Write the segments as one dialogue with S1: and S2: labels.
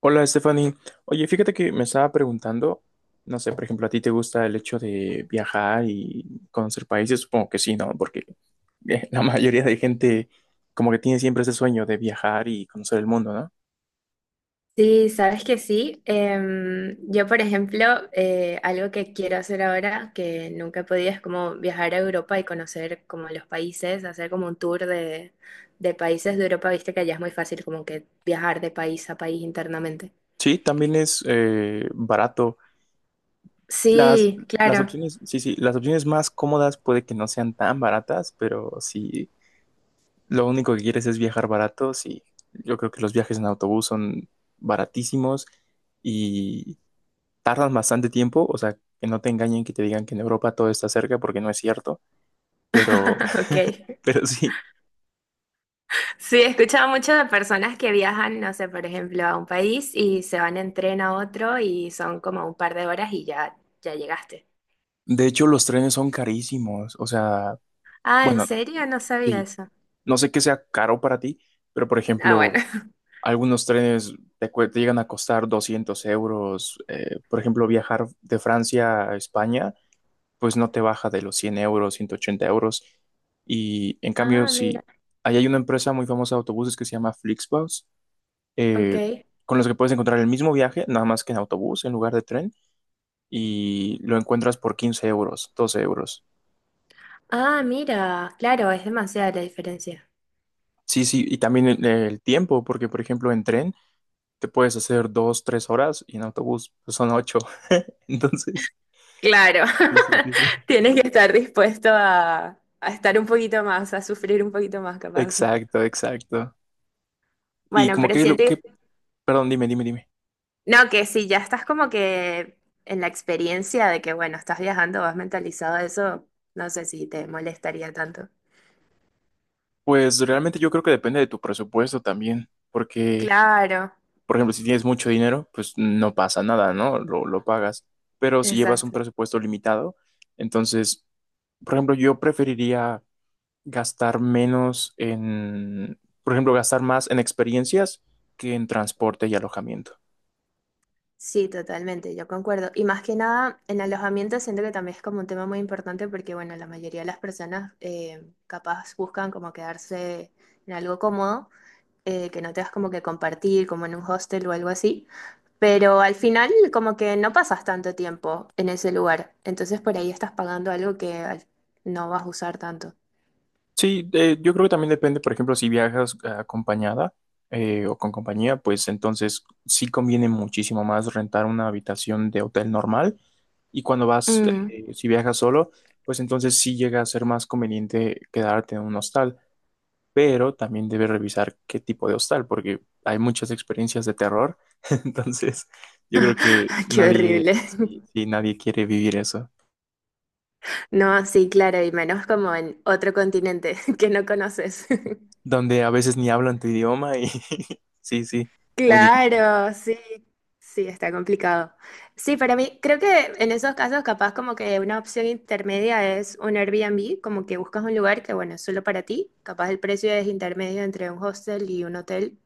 S1: Hola, Stephanie. Oye, fíjate que me estaba preguntando, no sé, por ejemplo, ¿a ti te gusta el hecho de viajar y conocer países? Supongo que sí, ¿no? Porque la mayoría de gente como que tiene siempre ese sueño de viajar y conocer el mundo, ¿no?
S2: Sí, sabes que sí. Yo, por ejemplo, algo que quiero hacer ahora, que nunca he podido, es como viajar a Europa y conocer como los países, hacer como un tour de países de Europa. Viste que allá es muy fácil como que viajar de país a país internamente.
S1: Sí, también es barato. Las,
S2: Sí,
S1: las
S2: claro.
S1: opciones, sí, sí, las opciones más cómodas puede que no sean tan baratas, pero si lo único que quieres es viajar barato, sí. Yo creo que los viajes en autobús son baratísimos y tardan bastante tiempo, o sea, que no te engañen que te digan que en Europa todo está cerca porque no es cierto, pero,
S2: Ok.
S1: pero sí.
S2: Sí, he escuchado mucho de personas que viajan, no sé, por ejemplo, a un país y se van en tren a otro y son como un par de horas y ya llegaste.
S1: De hecho, los trenes son carísimos, o sea,
S2: Ah, ¿en
S1: bueno,
S2: serio? No sabía
S1: sí,
S2: eso.
S1: no sé qué sea caro para ti, pero por
S2: Ah, bueno.
S1: ejemplo, algunos trenes te llegan a costar 200 euros, por ejemplo, viajar de Francia a España, pues no te baja de los 100 euros, 180 euros, y en cambio,
S2: Ah,
S1: sí,
S2: mira,
S1: ahí hay una empresa muy famosa de autobuses que se llama Flixbus, eh,
S2: ok.
S1: con los que puedes encontrar el mismo viaje, nada más que en autobús en lugar de tren, y lo encuentras por 15 euros, 12 euros.
S2: Ah, mira, claro, es demasiada la diferencia.
S1: Sí, sí, y también el tiempo, porque por ejemplo en tren te puedes hacer dos, tres horas y en autobús pues, son ocho. Entonces,
S2: Claro,
S1: sí, sí, sí, sí.
S2: tienes que estar dispuesto a estar un poquito más, a sufrir un poquito más, capaz.
S1: Exacto, exacto. Y
S2: Bueno,
S1: como
S2: pero
S1: que lo
S2: siento,
S1: que, perdón, dime, dime, dime.
S2: no, que si ya estás como que en la experiencia de que, bueno, estás viajando, vas mentalizado a eso, no sé si te molestaría tanto.
S1: Pues realmente yo creo que depende de tu presupuesto también, porque
S2: Claro,
S1: por ejemplo, si tienes mucho dinero, pues no pasa nada, ¿no? Lo pagas. Pero si llevas un
S2: exacto.
S1: presupuesto limitado, entonces, por ejemplo, yo preferiría gastar menos en, por ejemplo, gastar más en experiencias que en transporte y alojamiento.
S2: Sí, totalmente, yo concuerdo. Y más que nada, en alojamiento siento que también es como un tema muy importante porque, bueno, la mayoría de las personas capaz buscan como quedarse en algo cómodo, que no tengas como que compartir, como en un hostel o algo así. Pero al final como que no pasas tanto tiempo en ese lugar. Entonces por ahí estás pagando algo que no vas a usar tanto.
S1: Sí, yo creo que también depende, por ejemplo, si viajas acompañada o con compañía, pues entonces sí conviene muchísimo más rentar una habitación de hotel normal y cuando vas,
S2: Mm,
S1: si viajas solo, pues entonces sí llega a ser más conveniente quedarte en un hostal, pero también debes revisar qué tipo de hostal, porque hay muchas experiencias de terror, entonces yo creo que
S2: qué
S1: nadie,
S2: horrible.
S1: sí, sí, nadie quiere vivir eso,
S2: No, sí, claro, y menos como en otro continente que no conoces.
S1: donde a veces ni hablan tu idioma y sí, sí, muy difícil.
S2: Claro, sí, sí, está complicado. Sí, para mí, creo que en esos casos capaz como que una opción intermedia es un Airbnb, como que buscas un lugar que, bueno, es solo para ti, capaz el precio es intermedio entre un hostel y un hotel,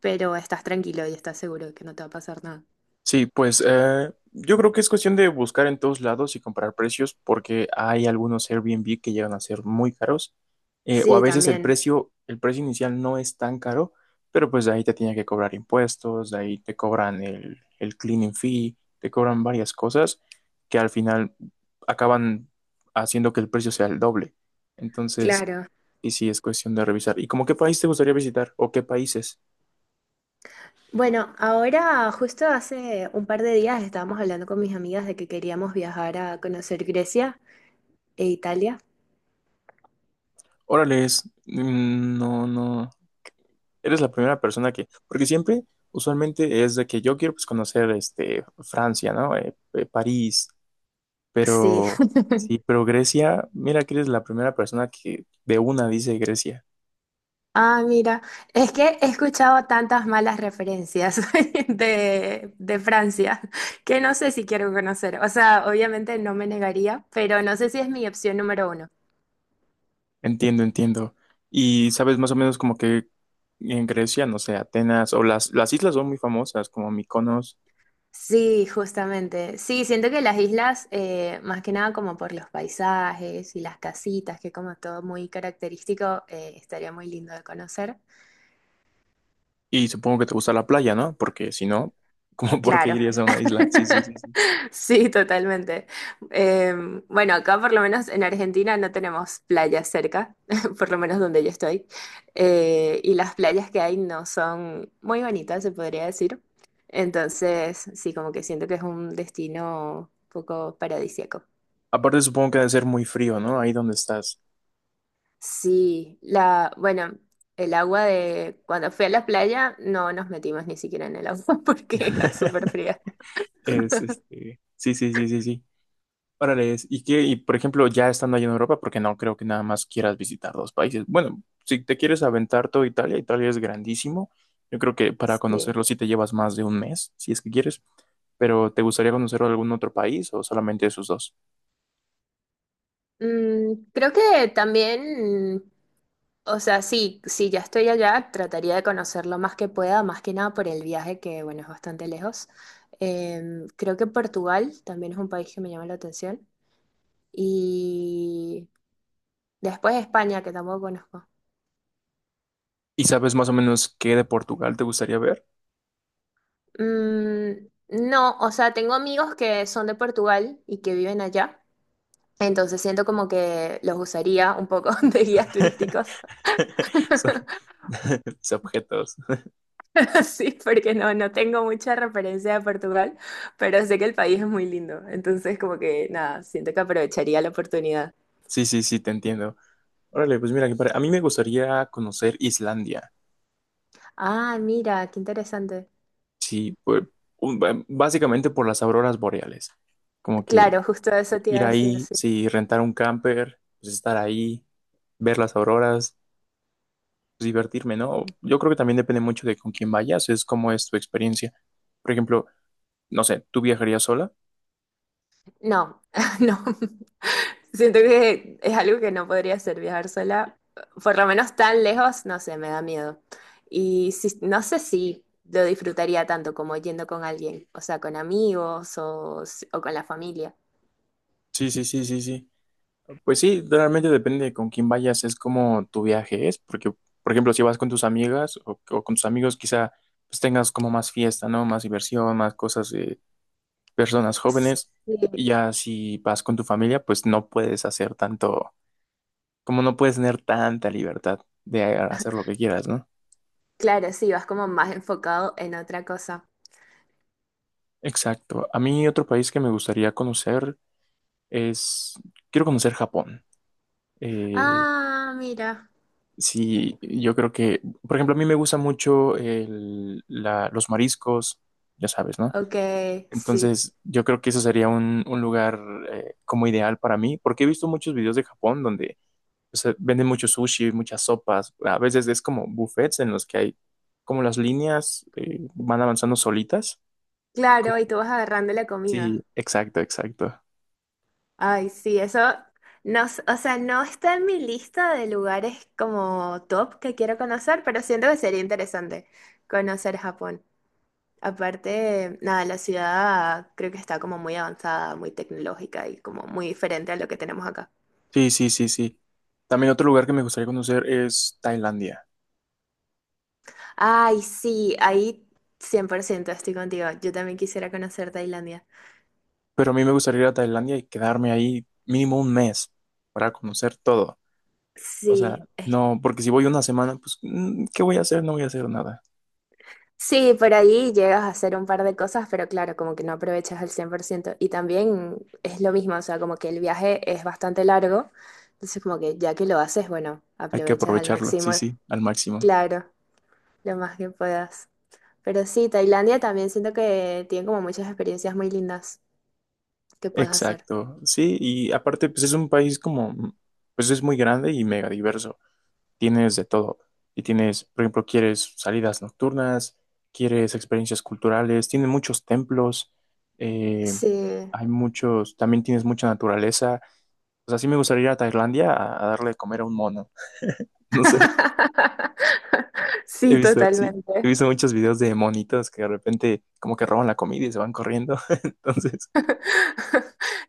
S2: pero estás tranquilo y estás seguro de que no te va a pasar nada.
S1: Sí, pues yo creo que es cuestión de buscar en todos lados y comparar precios porque hay algunos Airbnb que llegan a ser muy caros o a
S2: Sí,
S1: veces
S2: también,
S1: el precio inicial no es tan caro, pero pues de ahí te tienen que cobrar impuestos, de ahí te cobran el cleaning fee, te cobran varias cosas que al final acaban haciendo que el precio sea el doble. Entonces,
S2: claro.
S1: y sí, es cuestión de revisar. ¿Y como qué país te gustaría visitar o qué países?
S2: Bueno, ahora justo hace un par de días estábamos hablando con mis amigas de que queríamos viajar a conocer Grecia e Italia.
S1: Órale, es... mm, no, no. Eres la primera persona que, porque siempre, usualmente es de que yo quiero pues conocer este Francia, ¿no? París,
S2: Sí,
S1: pero sí, pero Grecia, mira que eres la primera persona que de una dice Grecia.
S2: ah, mira, es que he escuchado tantas malas referencias de Francia que no sé si quiero conocer. O sea, obviamente no me negaría, pero no sé si es mi opción número uno.
S1: Entiendo, entiendo. Y sabes más o menos como que en Grecia, no sé, Atenas o las islas son muy famosas como Mykonos,
S2: Sí, justamente. Sí, siento que las islas, más que nada como por los paisajes y las casitas, que como todo muy característico, estaría muy lindo de conocer.
S1: y supongo que te gusta la playa, ¿no? Porque si no, ¿como por qué
S2: Claro.
S1: irías a una isla? Sí, sí, sí, sí.
S2: Sí, totalmente. Eh, bueno, acá por lo menos en Argentina no tenemos playas cerca, por lo menos donde yo estoy. Y las playas que hay no son muy bonitas, se podría decir. Entonces, sí, como que siento que es un destino un poco paradisíaco.
S1: Aparte supongo que debe ser muy frío, ¿no? Ahí donde estás.
S2: Sí, bueno, el agua de cuando fui a la playa no nos metimos ni siquiera en el agua porque era súper fría.
S1: Es este. Sí, sí, sí, sí, sí. Órale, es- ¿y qué? Y por ejemplo, ya estando allá en Europa, porque no creo que nada más quieras visitar dos países. Bueno, si te quieres aventar todo Italia, Italia es grandísimo. Yo creo que para
S2: Sí.
S1: conocerlo sí te llevas más de un mes, si es que quieres. Pero ¿te gustaría conocer algún otro país o solamente esos dos?
S2: Mm, creo que también o sea, sí, si ya estoy allá, trataría de conocer lo más que pueda, más que nada por el viaje, que bueno, es bastante lejos. Creo que Portugal también es un país que me llama la atención. Y después España, que tampoco conozco.
S1: ¿Y sabes más o menos qué de Portugal te gustaría ver?
S2: Mm, no, o sea, tengo amigos que son de Portugal y que viven allá. Entonces siento como que los usaría un poco de guías turísticos.
S1: Son mis objetos.
S2: Sí, porque no tengo mucha referencia de Portugal, pero sé que el país es muy lindo. Entonces, como que nada, siento que aprovecharía la oportunidad.
S1: Sí, sí, sí, te entiendo. Órale, pues mira, que para- a mí me gustaría conocer Islandia.
S2: Ah, mira, qué interesante.
S1: Sí, pues, básicamente por las auroras boreales. Como que
S2: Claro, justo eso te iba a
S1: ir
S2: decir,
S1: ahí,
S2: sí.
S1: sí, rentar un camper, pues estar ahí, ver las auroras, pues, divertirme, ¿no? Yo creo que también depende mucho de con quién vayas, es cómo es tu experiencia. Por ejemplo, no sé, ¿tú viajarías sola?
S2: No, no. Siento que es algo que no podría hacer, viajar sola. Por lo menos tan lejos, no sé, me da miedo. Y no sé si lo disfrutaría tanto como yendo con alguien, o sea, con amigos o con la familia.
S1: Sí, sí, sí, sí, sí. Pues sí, realmente depende de con quién vayas, es como tu viaje es, porque, por ejemplo, si vas con tus amigas o con tus amigos, quizá pues tengas como más fiesta, ¿no? Más diversión, más cosas, personas jóvenes. Y
S2: Sí.
S1: ya si vas con tu familia, pues no puedes hacer tanto, como no puedes tener tanta libertad de hacer lo que quieras, ¿no?
S2: Claro, sí, vas como más enfocado en otra cosa.
S1: Exacto. A mí otro país que me gustaría conocer es, quiero conocer Japón. Eh,
S2: Ah, mira.
S1: sí, yo creo que, por ejemplo, a mí me gusta mucho los mariscos, ya sabes, ¿no?
S2: Ok, sí.
S1: Entonces, yo creo que eso sería un lugar como ideal para mí, porque he visto muchos videos de Japón donde, o sea, venden mucho sushi, muchas sopas. A veces es como buffets en los que hay como las líneas van avanzando solitas. Como-
S2: Claro, y tú vas agarrando la comida.
S1: Sí, exacto, exacto.
S2: Ay, sí, eso no, o sea, no está en mi lista de lugares como top que quiero conocer, pero siento que sería interesante conocer Japón. Aparte, nada, la ciudad creo que está como muy avanzada, muy tecnológica y como muy diferente a lo que tenemos acá.
S1: Sí, sí, sí, sí. También otro lugar que me gustaría conocer es Tailandia.
S2: Ay, sí, ahí 100% estoy contigo. Yo también quisiera conocer Tailandia.
S1: Pero a mí me gustaría ir a Tailandia y quedarme ahí mínimo un mes para conocer todo. O sea,
S2: Sí,
S1: no, porque si voy una semana, pues, ¿qué voy a hacer? No voy a hacer nada.
S2: sí, por ahí llegas a hacer un par de cosas, pero claro, como que no aprovechas al 100%. Y también es lo mismo, o sea, como que el viaje es bastante largo, entonces como que ya que lo haces, bueno,
S1: Hay que
S2: aprovechas al
S1: aprovecharlo,
S2: máximo,
S1: sí, sí, al máximo.
S2: claro, lo más que puedas. Pero sí, Tailandia también siento que tiene como muchas experiencias muy lindas que puedes hacer.
S1: Exacto, sí, y aparte pues es un país como, pues es muy grande y mega diverso, tienes de todo, y tienes, por ejemplo, quieres salidas nocturnas, quieres experiencias culturales, tiene muchos templos, eh,
S2: Sí.
S1: hay muchos, también tienes mucha naturaleza, o sea, sí me gustaría ir a Tailandia a darle de comer a un mono, no sé, he
S2: Sí,
S1: visto, sí, he
S2: totalmente.
S1: visto muchos videos de monitos que de repente como que roban la comida y se van corriendo, entonces...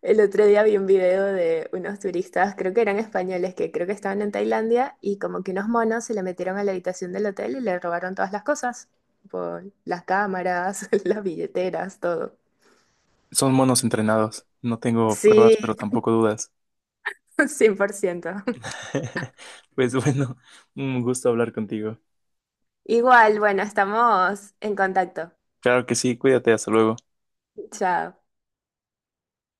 S2: El otro día vi un video de unos turistas, creo que eran españoles, que creo que estaban en Tailandia y como que unos monos se le metieron a la habitación del hotel y le robaron todas las cosas, tipo, las cámaras, las billeteras, todo.
S1: Son monos entrenados. No tengo
S2: Sí,
S1: pruebas, pero tampoco dudas.
S2: 100%.
S1: Pues bueno, un gusto hablar contigo.
S2: Igual, bueno, estamos en contacto.
S1: Claro que sí, cuídate, hasta luego.
S2: Chao.